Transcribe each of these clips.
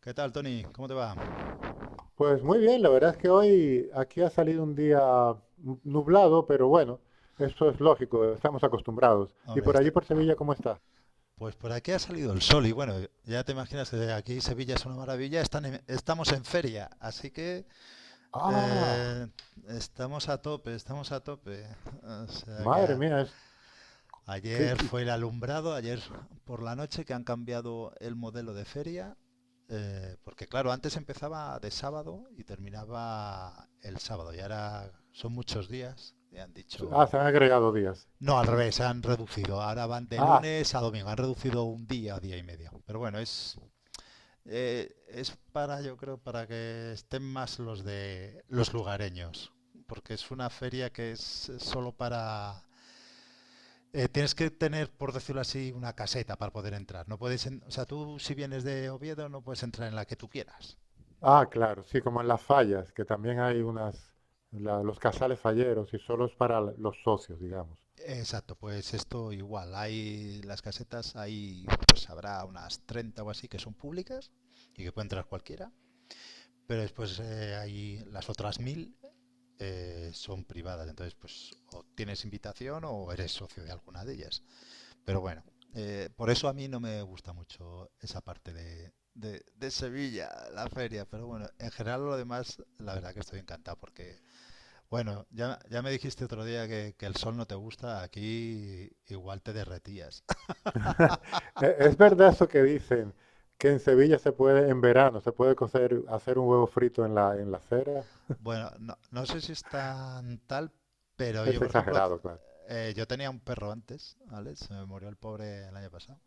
¿Qué tal, Tony? ¿Cómo te va? Pues muy bien, la verdad es que hoy aquí ha salido un día nublado, pero bueno, eso es lógico, estamos acostumbrados. ¿Y Hombre, por allí está... por Sevilla cómo está? pues por aquí ha salido el sol y bueno, ya te imaginas que aquí Sevilla es una maravilla, estamos en feria, así que Ah, eh, estamos a tope, estamos a tope. O sea que madre mía, es que, ayer que- fue el alumbrado, ayer por la noche que han cambiado el modelo de feria, porque claro, antes empezaba de sábado y terminaba el sábado y ahora son muchos días y han ah, dicho... se han agregado días. No, al revés, han reducido. Ahora van de Ah, lunes a domingo. Han reducido un día, día y medio. Pero bueno, es para, yo creo, para que estén más los de los lugareños. Porque es una feria que es solo para... tienes que tener, por decirlo así, una caseta para poder entrar. No puedes, o sea, tú si vienes de Oviedo no puedes entrar en la que tú quieras. ah, claro, sí, como en las fallas, que también hay unas, los casales falleros y solo es para los socios, digamos. Exacto, pues esto igual. Hay las casetas, pues habrá unas 30 o así que son públicas y que puede entrar cualquiera. Pero después hay las otras mil son privadas, entonces pues o tienes invitación o eres socio de alguna de ellas. Pero bueno, por eso a mí no me gusta mucho esa parte de Sevilla, la feria. Pero bueno, en general lo demás, la verdad que estoy encantado porque, bueno, ya me dijiste otro día que el sol no te gusta, aquí igual te derretías. Es verdad eso que dicen, que en Sevilla se puede, en verano, se puede cocer, hacer un huevo frito en la acera. Bueno, no sé si es tan tal, pero yo, Es por ejemplo, exagerado, claro. Yo tenía un perro antes, ¿vale? Se me murió el pobre el año pasado.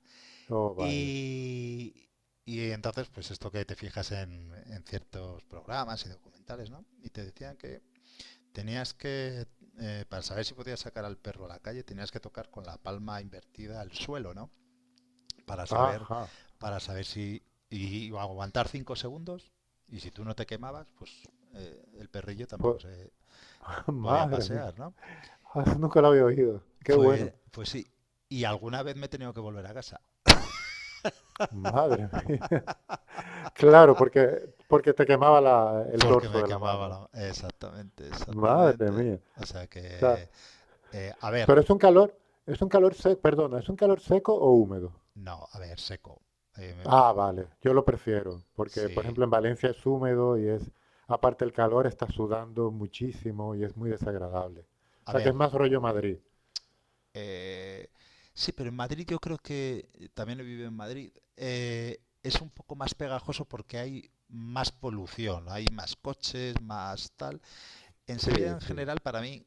Oh, vaya. Y, y entonces, pues esto que te fijas en ciertos programas y documentales, ¿no? Y te decían que tenías que, para saber si podías sacar al perro a la calle, tenías que tocar con la palma invertida al suelo, ¿no? Para saber, Ajá. para saber si... Y aguantar 5 segundos, y si tú no te quemabas, pues el perrillo Pues, tampoco se podía madre mía. pasear, ¿no? Ah, eso nunca lo había oído. Qué Pues, bueno. pues sí. Y alguna vez me he tenido que volver a casa Madre mía. Claro, porque, porque te quemaba el porque dorso me de la quemaba mano. la... Exactamente, Madre exactamente. mía. O sea O sea, que... a ver, pero es un calor seco, perdona, ¿es un calor seco o húmedo? no, a ver, seco. Eh, me- Ah, vale. Yo lo prefiero, porque por sí, ejemplo en Valencia es húmedo y es, aparte el calor está sudando muchísimo y es muy desagradable. O a sea que ver. es más rollo Madrid. eh, sí, pero en Madrid yo creo que, también he vivido en Madrid, es un poco más pegajoso porque hay más polución, hay más coches, más tal. En Sevilla Sí, en sí. general, para mí,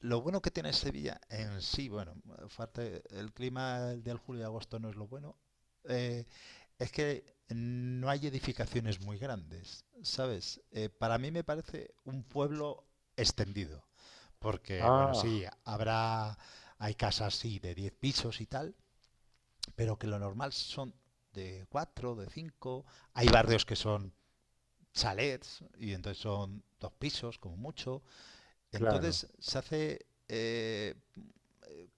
lo bueno que tiene Sevilla en sí, bueno, aparte, el clima del julio y agosto no es lo bueno, eh, es que no hay edificaciones muy grandes, ¿sabes? Para mí me parece un pueblo extendido, porque, bueno, Ah, sí, hay casas, sí, de 10 pisos y tal, pero que lo normal son de 4, de 5, hay barrios que son chalets y entonces son dos pisos como mucho, claro. entonces se hace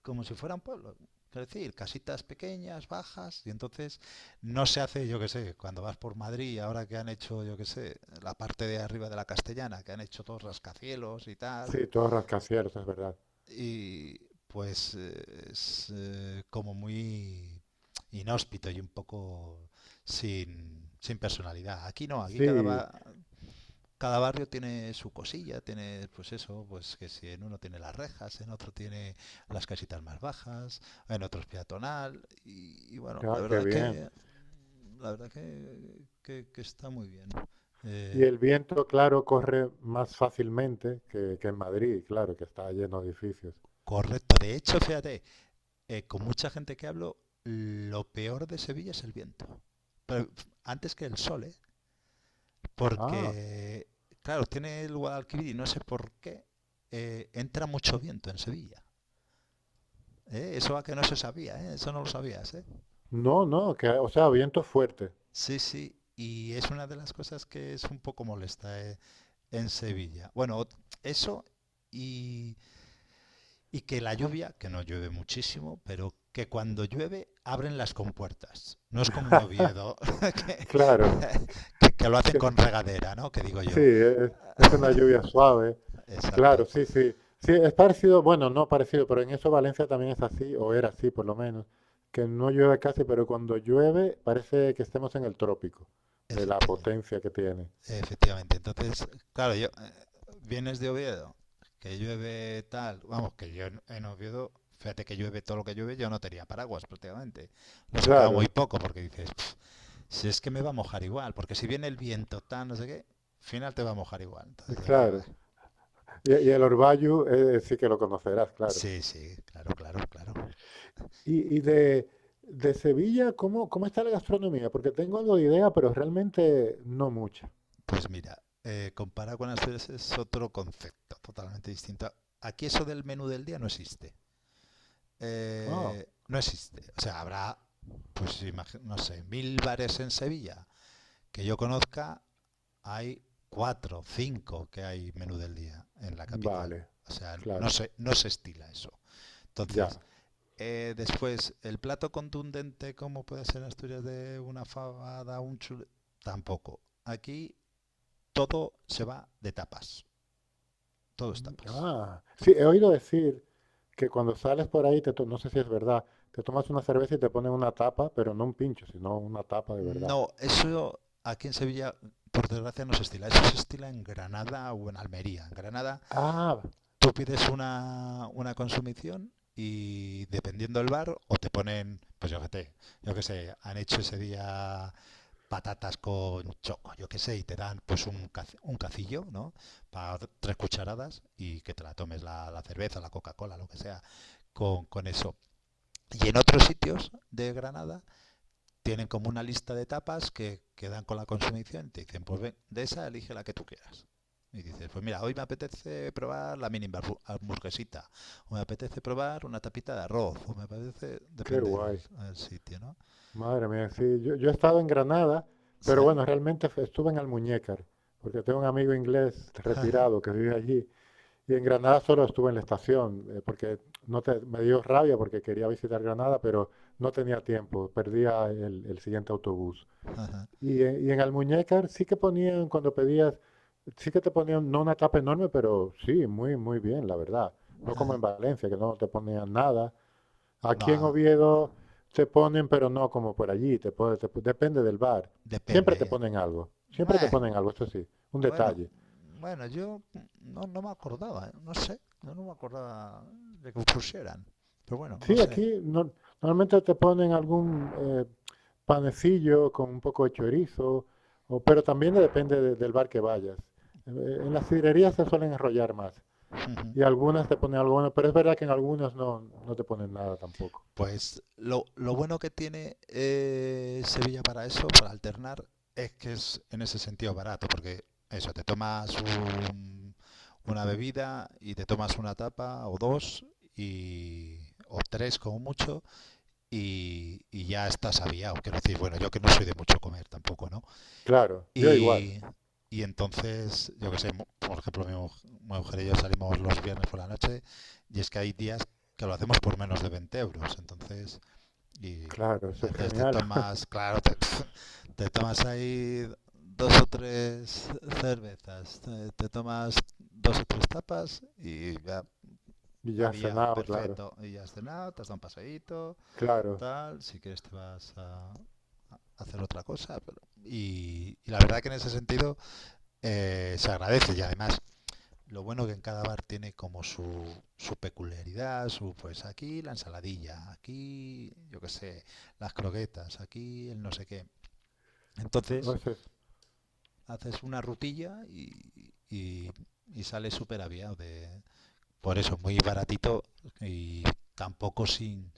como si fuera un pueblo. Quiero decir, casitas pequeñas, bajas, y entonces no se hace, yo qué sé, cuando vas por Madrid, ahora que han hecho, yo qué sé, la parte de arriba de la Castellana, que han hecho todos rascacielos y tal, Sí, todo rascacielos, es verdad. y pues es como muy inhóspito y un poco sin, sin personalidad. Aquí no, aquí cada, Sí, va- cada barrio tiene su cosilla, tiene pues eso, pues que si en uno tiene las rejas, en otro tiene las casitas más bajas, en otro es peatonal y bueno, ah, qué bien. La verdad que está muy bien. Y Eh, el viento, claro, corre más fácilmente que en Madrid, claro, que está lleno de edificios. Correcto. De hecho, fíjate, con mucha gente que hablo, lo peor de Sevilla es el viento. Pero antes que el sol, ¿eh? Ah, Porque, claro, tiene el Guadalquivir y no sé por qué, entra mucho viento en Sevilla. ¿Eh? Eso a que no se sabía, ¿eh? Eso no lo sabías, ¿eh? no, no, que, o sea, viento fuerte. Sí, sí. Y es una de las cosas que es un poco molesta, ¿eh? En Sevilla. Bueno, eso y, y que la lluvia, que no llueve muchísimo, pero que cuando llueve abren las compuertas. No es como en Oviedo, que, Claro, que lo hacen que con regadera, ¿no? Que digo sí, yo. Es una lluvia suave. Exacto, Claro, sí, sí. Sí, es parecido, bueno, no parecido, pero en eso Valencia también es así, o era así por lo menos, que no llueve casi, pero cuando llueve parece que estemos en el trópico, de la efectivamente. potencia que tiene. Efectivamente. Entonces, claro, yo vienes de Oviedo, que llueve tal, vamos, que yo en Oviedo, fíjate que llueve todo lo que llueve, yo no tenía paraguas prácticamente. Lo sacaba muy Claro, poco porque dices, "Pf, si es que me va a mojar igual, porque si viene el viento tal, no sé qué, al final te va a mojar igual". Entonces decía, "Bah". claro. Y el Orbayu sí que lo conocerás, claro. Sí, sí, claro, claro, claro. Y de Sevilla, ¿cómo, cómo está la gastronomía? Porque tengo algo de idea, pero realmente no mucha. Pues mira, comparado con Asturias es otro concepto totalmente distinto. Aquí eso del menú del día no existe. Ah, No existe. O sea, pues no sé, mil bares en Sevilla. Que yo conozca, hay cuatro, cinco que hay menú del día en la capital. vale, O sea, no claro, se, no se estila eso. ya. Entonces, después, el plato contundente, como puede ser en Asturias de una fabada, un chule. Tampoco. Aquí todo se va de tapas. Todo es Mm, tapas. ah, sí, he oído decir que cuando sales por ahí, no sé si es verdad, te tomas una cerveza y te ponen una tapa, pero no un pincho, sino una tapa de verdad. No, eso aquí en Sevilla, por desgracia, no se estila. Eso se estila en Granada o en Almería. En Granada Ah, tú pides una consumición y dependiendo del bar, o te ponen, pues yo qué sé, han hecho ese día patatas con choco, yo qué sé, y te dan pues un cacillo, ¿no? Para tres cucharadas y que te la tomes la cerveza, la Coca-Cola, lo que sea, con eso. Y en otros sitios de Granada tienen como una lista de tapas que dan con la consumición y te dicen, pues ven, de esa elige la que tú quieras. Y dices, pues mira, hoy me apetece probar la mini hamburguesita, o me apetece probar una tapita de arroz, o me apetece, qué depende del guay. el sitio, ¿no? Madre mía, sí, yo he estado en Granada, ¿Sí? pero bueno, realmente estuve en Almuñécar, porque tengo un amigo inglés retirado que vive allí, y en Granada solo estuve en la estación, porque no te- me dio rabia porque quería visitar Granada, pero no tenía tiempo, perdía el siguiente autobús. Y en Almuñécar sí que ponían, cuando pedías, sí que te ponían, no una tapa enorme, pero sí, muy, muy bien, la verdad. No como en Valencia, que no te ponían nada. Aquí en no, Oviedo te ponen, pero no como por allí, te depende del bar. Siempre depende. te ¿Eh? Ponen algo, siempre te ponen algo, esto sí, un bueno, detalle. bueno, yo no me acordaba, ¿eh? No sé, yo no me acordaba de que pusieran, pero bueno, no Sí, sé. aquí normalmente te ponen algún panecillo con un poco de chorizo, pero también depende del bar que vayas. En las sidrerías se suelen enrollar más y algunas te ponen algo bueno, pero es verdad que en algunas no, no te ponen nada tampoco. Pues lo bueno que tiene Sevilla para eso, para alternar, es que es en ese sentido barato, porque eso, te tomas una bebida y te tomas una tapa o dos y, o tres como mucho y ya estás aviado. Quiero decir, bueno, yo que no soy de mucho comer tampoco, ¿no? Claro, yo igual. Y, y entonces, yo que sé, por ejemplo, mi mujer y yo salimos los viernes por la noche y es que hay días que lo hacemos por menos de 20 euros. Entonces... Y Claro, eso es entonces te genial. tomas, claro, te, te tomas ahí dos o tres cervezas, te tomas dos o tres tapas y ya, Y ya has aviado, cenado, claro, perfecto. Y ya has cenado, te has dado un paseíto, claro. tal, si quieres te vas a hacer otra cosa. Pero y la verdad que en ese sentido se agradece y además lo bueno que en cada bar tiene como su peculiaridad, su pues aquí la ensaladilla, aquí yo qué sé, las croquetas, aquí el no sé qué. O Entonces sea, haces una rutilla y sale súper aviado. Por eso, muy baratito y tampoco sin,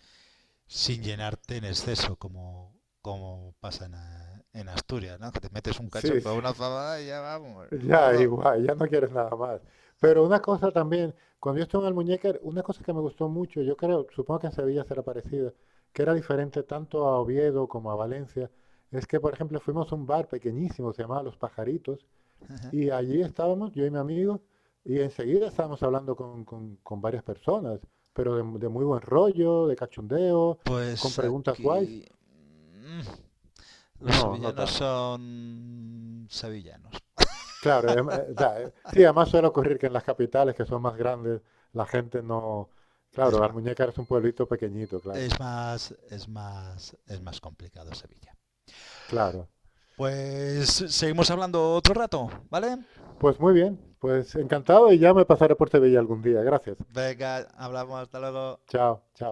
sin llenarte en exceso, como pasa en, en Asturias, ¿no? Que te metes un cacho sí, por sí, una fabada y ya vamos, ya barro. igual, ya no quieres nada más. Pero una cosa también, cuando yo estuve en Almuñécar, una cosa que me gustó mucho, yo creo, supongo que en Sevilla será parecida, que era diferente tanto a Oviedo como a Valencia, es que, por ejemplo, fuimos a un bar pequeñísimo, se llamaba Los Pajaritos, Ajá. y allí estábamos, yo y mi amigo, y enseguida estábamos hablando con, con varias personas, pero de muy buen rollo, de cachondeo, con Pues preguntas guays. aquí... los No, no sevillanos tanto. son sevillanos. Claro, sí, además suele ocurrir que en las capitales que son más grandes, la gente no... Es Claro, más, Almuñécar es un pueblito pequeñito, claro. es más, es más, es más complicado Sevilla. Claro. Pues seguimos hablando otro rato, ¿vale? Pues muy bien, pues encantado y ya me pasaré por Sevilla algún día. Gracias. Venga, hablamos, hasta luego. Chao, chao.